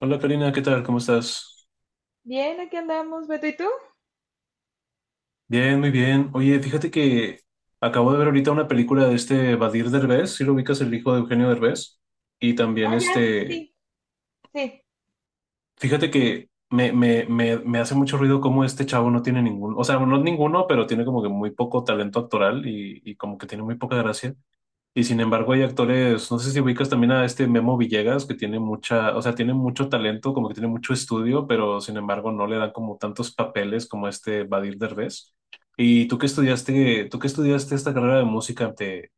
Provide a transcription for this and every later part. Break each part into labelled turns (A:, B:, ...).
A: Hola, Karina, ¿qué tal? ¿Cómo estás?
B: Bien, aquí andamos, Beto, ¿y tú?
A: Bien, muy bien. Oye, fíjate que acabo de ver ahorita una película de este Badir Derbez, si lo ubicas, el hijo de Eugenio Derbez. Y también
B: Ah, ya, sí. Sí,
A: fíjate que me hace mucho ruido cómo este chavo no tiene ningún, o sea, no ninguno, pero tiene como que muy poco talento actoral y como que tiene muy poca gracia. Y sin embargo hay actores, no sé si ubicas también a este Memo Villegas, que tiene mucha, o sea, tiene mucho talento, como que tiene mucho estudio, pero sin embargo no le dan como tantos papeles como este Badir Derbez. ¿Y tú que estudiaste esta carrera de música?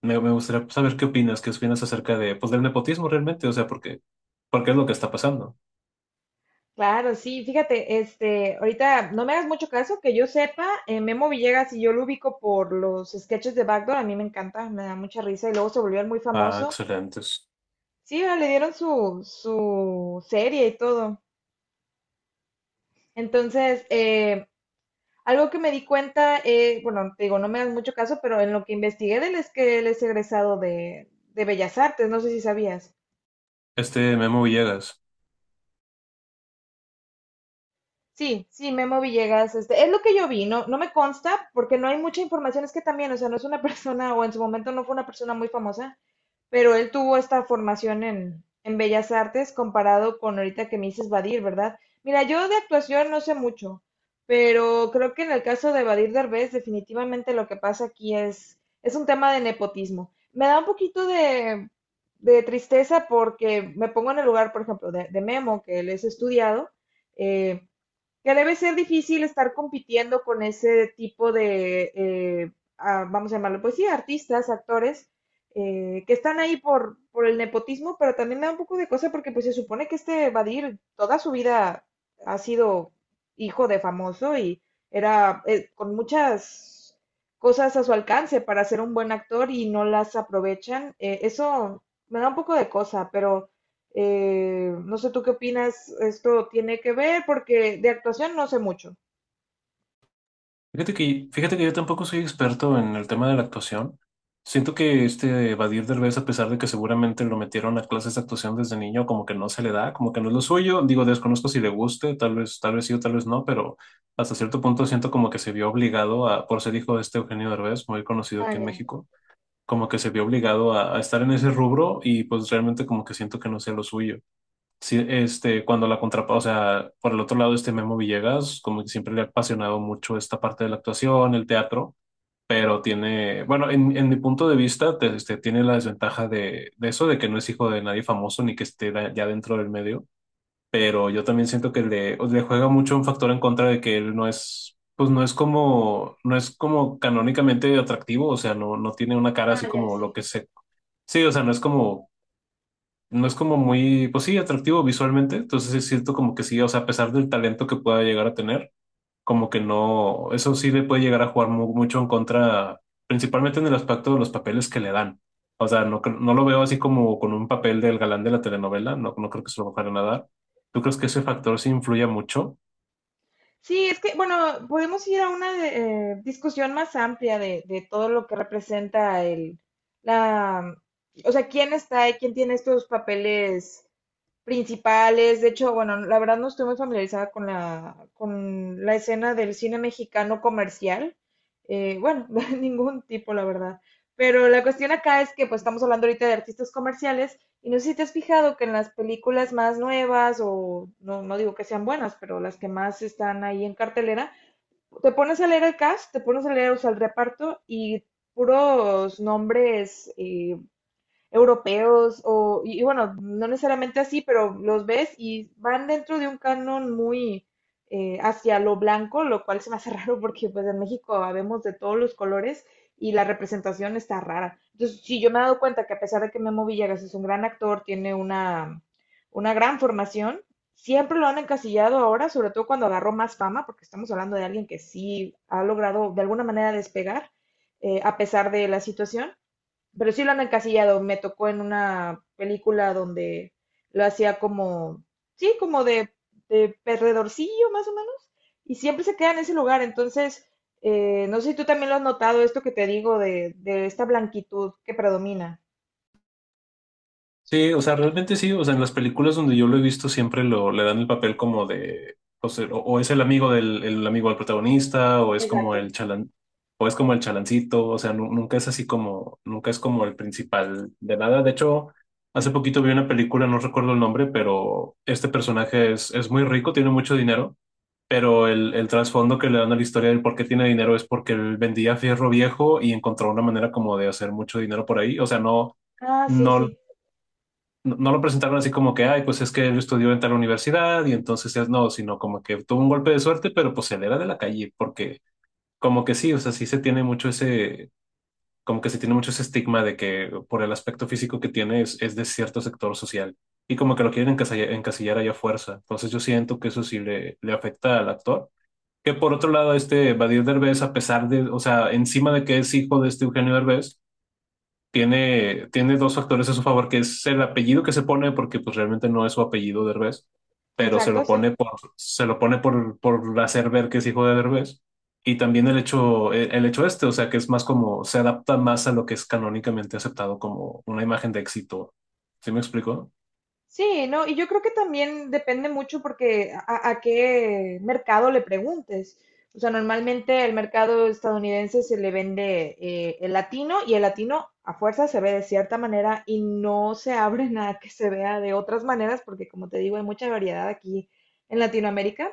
A: Me gustaría saber qué opinas acerca de, pues, del nepotismo realmente, o sea, porque es lo que está pasando.
B: claro, sí, fíjate, ahorita no me hagas mucho caso, que yo sepa, Memo Villegas, y yo lo ubico por los sketches de Backdoor, a mí me encanta, me da mucha risa y luego se volvió muy
A: Ah,
B: famoso.
A: excelentes.
B: Sí, ah, le dieron su serie y todo. Entonces, algo que me di cuenta, bueno, te digo, no me hagas mucho caso, pero en lo que investigué de él es que él es egresado de Bellas Artes, no sé si sabías.
A: Este Memo Villegas.
B: Sí, sí, Memo Villegas, este, es lo que yo vi, no, no me consta porque no hay mucha información, es que también, o sea, no es una persona, o en su momento no fue una persona muy famosa, pero él tuvo esta formación en Bellas Artes comparado con ahorita que me dices Badir, ¿verdad? Mira, yo de actuación no sé mucho, pero creo que en el caso de Badir Derbez, definitivamente lo que pasa aquí es un tema de nepotismo. Me da un poquito de tristeza porque me pongo en el lugar, por ejemplo, de Memo, que él es estudiado, eh, que debe ser difícil estar compitiendo con ese tipo de, ah, vamos a llamarlo, pues sí, artistas, actores, que están ahí por el nepotismo, pero también me da un poco de cosa porque pues se supone que este Badir toda su vida ha sido hijo de famoso y era con muchas cosas a su alcance para ser un buen actor y no las aprovechan. Eso me da un poco de cosa, pero no sé tú qué opinas, esto tiene que ver porque de actuación no sé mucho.
A: Fíjate que yo tampoco soy experto en el tema de la actuación. Siento que este Badir Derbez, a pesar de que seguramente lo metieron a clases de actuación desde niño, como que no se le da, como que no es lo suyo. Digo, desconozco si le guste, tal vez sí o tal vez no, pero hasta cierto punto siento como que se vio obligado a, por ser hijo de este Eugenio Derbez, muy conocido
B: Ah,
A: aquí en
B: ya,
A: México, como que se vio obligado a estar en ese rubro y pues realmente como que siento que no sea lo suyo. Sí, este, cuando la contrapa, o sea, por el otro lado, este Memo Villegas, como que siempre le ha apasionado mucho esta parte de la actuación, el teatro, pero tiene, bueno, en mi punto de vista, este, tiene la desventaja de eso, de que no es hijo de nadie famoso ni que esté ya dentro del medio, pero yo también siento que le juega mucho un factor en contra de que él no es, pues no es como, no es como canónicamente atractivo, o sea, no tiene una cara
B: ah,
A: así
B: ya,
A: como lo
B: sí.
A: que se, sí, o sea, no es como no es como muy, pues sí, atractivo visualmente, entonces sí siento como que sí, o sea, a pesar del talento que pueda llegar a tener, como que no, eso sí le puede llegar a jugar mucho en contra, principalmente en el aspecto de los papeles que le dan. O sea, no, no lo veo así como con un papel del galán de la telenovela, no, no creo que se lo vayan a dar. ¿Tú crees que ese factor sí influye mucho?
B: Sí, es que, bueno, podemos ir a una discusión más amplia de todo lo que representa la, o sea, quién está y quién tiene estos papeles principales. De hecho, bueno, la verdad no estoy muy familiarizada con con la escena del cine mexicano comercial. Bueno, de ningún tipo, la verdad. Pero la cuestión acá es que pues estamos hablando ahorita de artistas comerciales y no sé si te has fijado que en las películas más nuevas o no, no digo que sean buenas, pero las que más están ahí en cartelera, te pones a leer el cast, te pones a leer, o sea, el reparto, y puros nombres europeos o, y bueno, no necesariamente así, pero los ves y van dentro de un canon muy hacia lo blanco, lo cual se me hace raro porque pues en México vemos de todos los colores y la representación está rara. Entonces, sí, yo me he dado cuenta que a pesar de que Memo Villegas es un gran actor, tiene una gran formación, siempre lo han encasillado ahora, sobre todo cuando agarró más fama, porque estamos hablando de alguien que sí ha logrado de alguna manera despegar, a pesar de la situación, pero sí lo han encasillado. Me tocó en una película donde lo hacía como, sí, como de perdedorcillo más o menos, y siempre se queda en ese lugar. Entonces, no sé si tú también lo has notado, esto que te digo de esta blanquitud que predomina.
A: Sí, o sea, realmente sí, o sea, en las películas donde yo lo he visto siempre le dan el papel como de, o sea, o es el amigo del protagonista, o es como
B: Exacto.
A: el chalan, o es como el chalancito, o sea, nunca es así como, nunca es como el principal de nada. De hecho, hace poquito vi una película, no recuerdo el nombre, pero este personaje es muy rico, tiene mucho dinero, pero el trasfondo que le dan a la historia del por qué tiene dinero es porque él vendía fierro viejo y encontró una manera como de hacer mucho dinero por ahí, o sea, no.
B: Ah, sí,
A: No,
B: sí.
A: no, no lo presentaron así como que, ay, pues es que él estudió en tal universidad y entonces es no, sino como que tuvo un golpe de suerte, pero pues él era de la calle, porque como que sí, o sea, sí se tiene mucho ese, como que se tiene mucho ese estigma de que por el aspecto físico que tiene es de cierto sector social y como que lo quieren encasillar, encasillar ahí a fuerza. Entonces yo siento que eso sí le afecta al actor. Que por otro lado, este Badir Derbez, a pesar de, o sea, encima de que es hijo de este Eugenio Derbez, tiene, tiene dos factores a su favor, que es el apellido que se pone, porque pues realmente no es su apellido Derbez, pero se lo
B: Exacto, sí.
A: pone por, se lo pone por hacer ver que es hijo de Derbez. Y también el hecho, el hecho este, o sea, que es más como, se adapta más a lo que es canónicamente aceptado como una imagen de éxito. ¿Sí me explico?
B: Sí, no, y yo creo que también depende mucho porque a qué mercado le preguntes. O sea, normalmente el mercado estadounidense se le vende el latino, y el latino a fuerza se ve de cierta manera y no se abre nada que se vea de otras maneras porque como te digo hay mucha variedad aquí en Latinoamérica.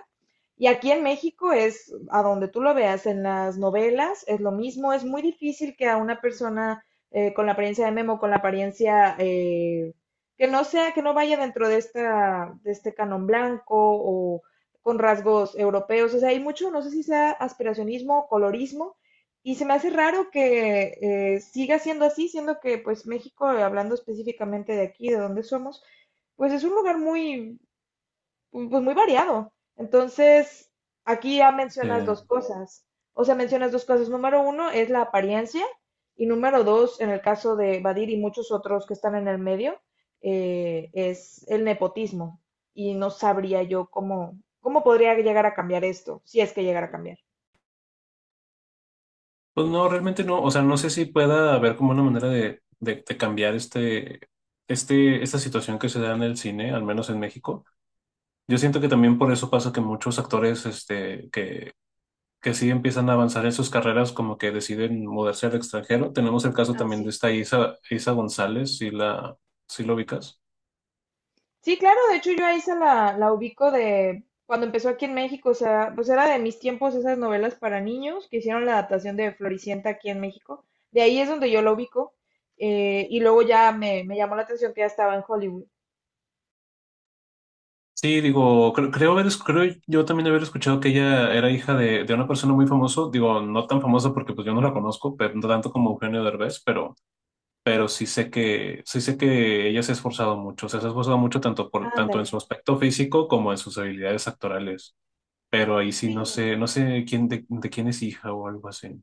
B: Y aquí en México, es a donde tú lo veas, en las novelas es lo mismo, es muy difícil que a una persona con la apariencia de Memo, con la apariencia, que no sea, que no vaya dentro de, esta, de este canon blanco o con rasgos europeos. O sea, hay mucho, no sé si sea aspiracionismo o colorismo, y se me hace raro que siga siendo así, siendo que pues México, hablando específicamente de aquí, de donde somos, pues es un lugar muy, pu- pues muy variado. Entonces, aquí ya mencionas
A: Eh,
B: dos cosas. O sea, mencionas dos cosas. Número uno es la apariencia, y número dos, en el caso de Badir y muchos otros que están en el medio, es el nepotismo. Y no sabría yo cómo, cómo podría llegar a cambiar esto, si es que llegara a cambiar.
A: pues no, realmente no, o sea, no sé si pueda haber como una manera de cambiar este, este, esta situación que se da en el cine, al menos en México. Yo siento que también por eso pasa que muchos actores este, que sí empiezan a avanzar en sus carreras, como que deciden mudarse al extranjero. Tenemos el caso
B: Ah,
A: también de
B: sí.
A: esta Isa, Isa González, si la, si lo ubicas.
B: Sí, claro, de hecho yo a Isa la ubico de cuando empezó aquí en México, o sea, pues era de mis tiempos esas novelas para niños que hicieron la adaptación de Floricienta aquí en México. De ahí es donde yo la ubico. Eh, y luego ya me llamó la atención que ya estaba en Hollywood.
A: Sí, digo, creo, haber, creo yo también haber escuchado que ella era hija de una persona muy famosa, digo, no tan famosa porque pues yo no la conozco, pero no tanto como Eugenio Derbez, pero sí sé que ella se ha esforzado mucho, o sea, se ha esforzado mucho tanto por, tanto en su
B: Ándale.
A: aspecto físico como en sus habilidades actorales. Pero ahí sí no
B: Sí.
A: sé, no sé quién de quién es hija o algo así.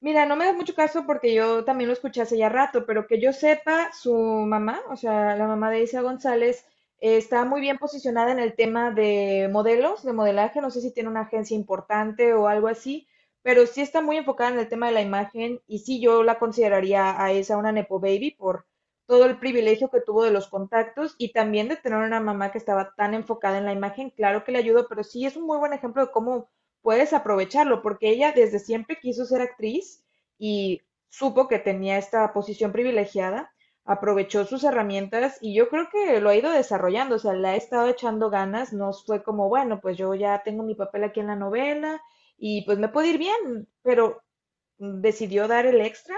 B: Mira, no me das mucho caso porque yo también lo escuché hace ya rato, pero que yo sepa, su mamá, o sea, la mamá de Isa González, está muy bien posicionada en el tema de modelos, de modelaje. No sé si tiene una agencia importante o algo así, pero sí está muy enfocada en el tema de la imagen, y sí yo la consideraría a esa una Nepo Baby por todo el privilegio que tuvo de los contactos y también de tener una mamá que estaba tan enfocada en la imagen. Claro que le ayudó, pero sí es un muy buen ejemplo de cómo puedes aprovecharlo, porque ella desde siempre quiso ser actriz y supo que tenía esta posición privilegiada, aprovechó sus herramientas y yo creo que lo ha ido desarrollando, o sea, le ha estado echando ganas, no fue como, bueno, pues yo ya tengo mi papel aquí en la novela y pues me puede ir bien, pero decidió dar el extra.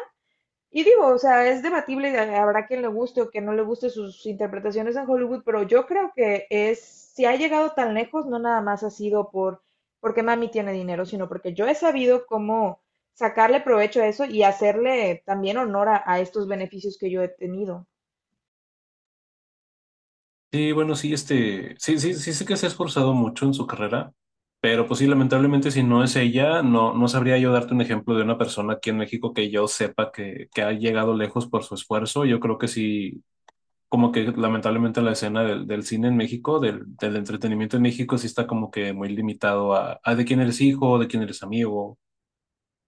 B: Y digo, o sea, es debatible, habrá quien le guste o que no le guste sus interpretaciones en Hollywood, pero yo creo que es, si ha llegado tan lejos, no nada más ha sido porque mami tiene dinero, sino porque yo he sabido cómo sacarle provecho a eso y hacerle también honor a estos beneficios que yo he tenido.
A: Sí, bueno, sí, este, sí, sí, sí sé que se ha esforzado mucho en su carrera, pero pues sí, lamentablemente si no es ella, no, no sabría yo darte un ejemplo de una persona aquí en México que yo sepa que ha llegado lejos por su esfuerzo. Yo creo que sí, como que lamentablemente la escena del, del cine en México, del, del entretenimiento en México, sí está como que muy limitado a de quién eres hijo, de quién eres amigo.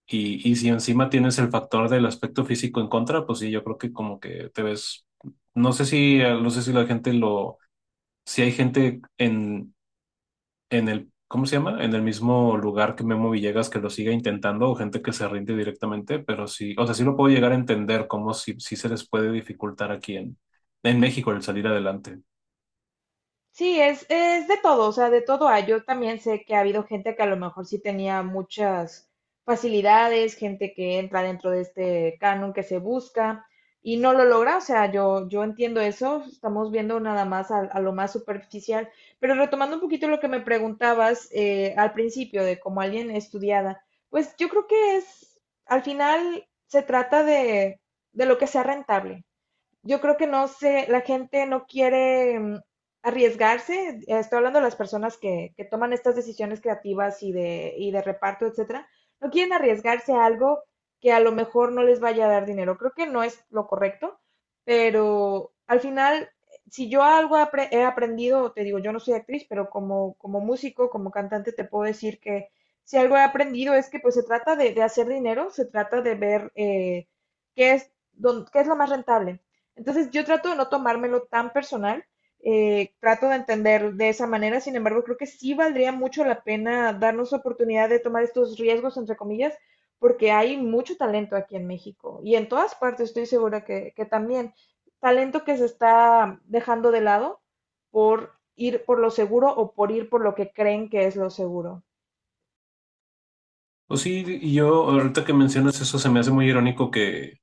A: Y si encima tienes el factor del aspecto físico en contra, pues sí, yo creo que como que te ves, no sé si, ah, no sé si la gente lo, si hay gente en el, ¿cómo se llama? En el mismo lugar que Memo Villegas que lo siga intentando o gente que se rinde directamente, pero sí, o sea, sí lo puedo llegar a entender cómo sí, sí se les puede dificultar aquí en México el salir adelante.
B: Sí, es de todo, o sea, de todo hay. Yo también sé que ha habido gente que a lo mejor sí tenía muchas facilidades, gente que entra dentro de este canon que se busca y no lo logra, o sea, yo entiendo eso, estamos viendo nada más a lo más superficial, pero retomando un poquito lo que me preguntabas, al principio, de como alguien estudiada, pues yo creo que es, al final se trata de lo que sea rentable. Yo creo que no sé, la gente no quiere arriesgarse, estoy hablando de las personas que toman estas decisiones creativas y de reparto, etcétera, no quieren arriesgarse a algo que a lo mejor no les vaya a dar dinero. Creo que no es lo correcto, pero al final, si yo algo he aprendido, te digo, yo no soy actriz, pero como, como músico, como cantante, te puedo decir que si algo he aprendido es que pues se trata de hacer dinero, se trata de ver qué es, qué es lo más rentable. Entonces yo trato de no tomármelo tan personal, trato de entender de esa manera, sin embargo creo que sí valdría mucho la pena darnos oportunidad de tomar estos riesgos, entre comillas, porque hay mucho talento aquí en México y en todas partes, estoy segura que también talento que se está dejando de lado por ir por lo seguro o por ir por lo que creen que es lo seguro,
A: Pues sí, y yo ahorita que mencionas eso, se me hace muy irónico que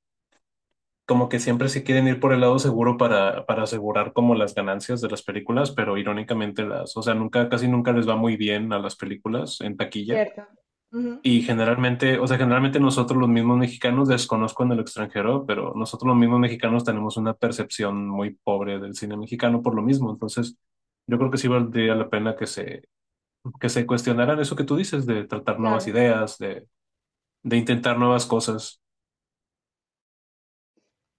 A: como que siempre se quieren ir por el lado seguro para asegurar como las ganancias de las películas, pero irónicamente las, o sea, nunca, casi nunca les va muy bien a las películas en taquilla.
B: ¿cierto? Ujú,
A: Y generalmente, o sea, generalmente nosotros los mismos mexicanos, desconozco en el extranjero, pero nosotros los mismos mexicanos tenemos una percepción muy pobre del cine mexicano por lo mismo. Entonces, yo creo que sí valdría la pena que se cuestionaran eso que tú dices, de tratar nuevas
B: claro.
A: ideas, de intentar nuevas cosas.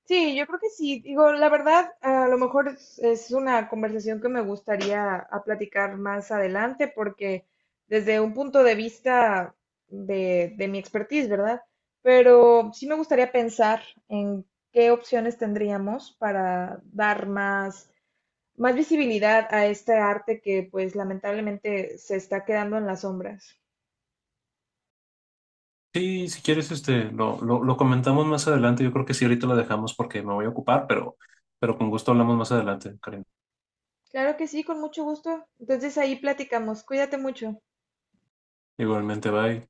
B: Sí, yo creo que sí. Digo, la verdad, a lo mejor es una conversación que me gustaría a platicar más adelante, porque desde un punto de vista de mi expertise, ¿verdad? Pero sí me gustaría pensar en qué opciones tendríamos para dar más, más visibilidad a este arte que, pues, lamentablemente se está quedando en las sombras.
A: Sí, si quieres, este, lo comentamos más adelante. Yo creo que sí, ahorita lo dejamos porque me voy a ocupar, pero con gusto hablamos más adelante, Karim.
B: Claro que sí, con mucho gusto. Entonces ahí platicamos. Cuídate mucho.
A: Igualmente, bye.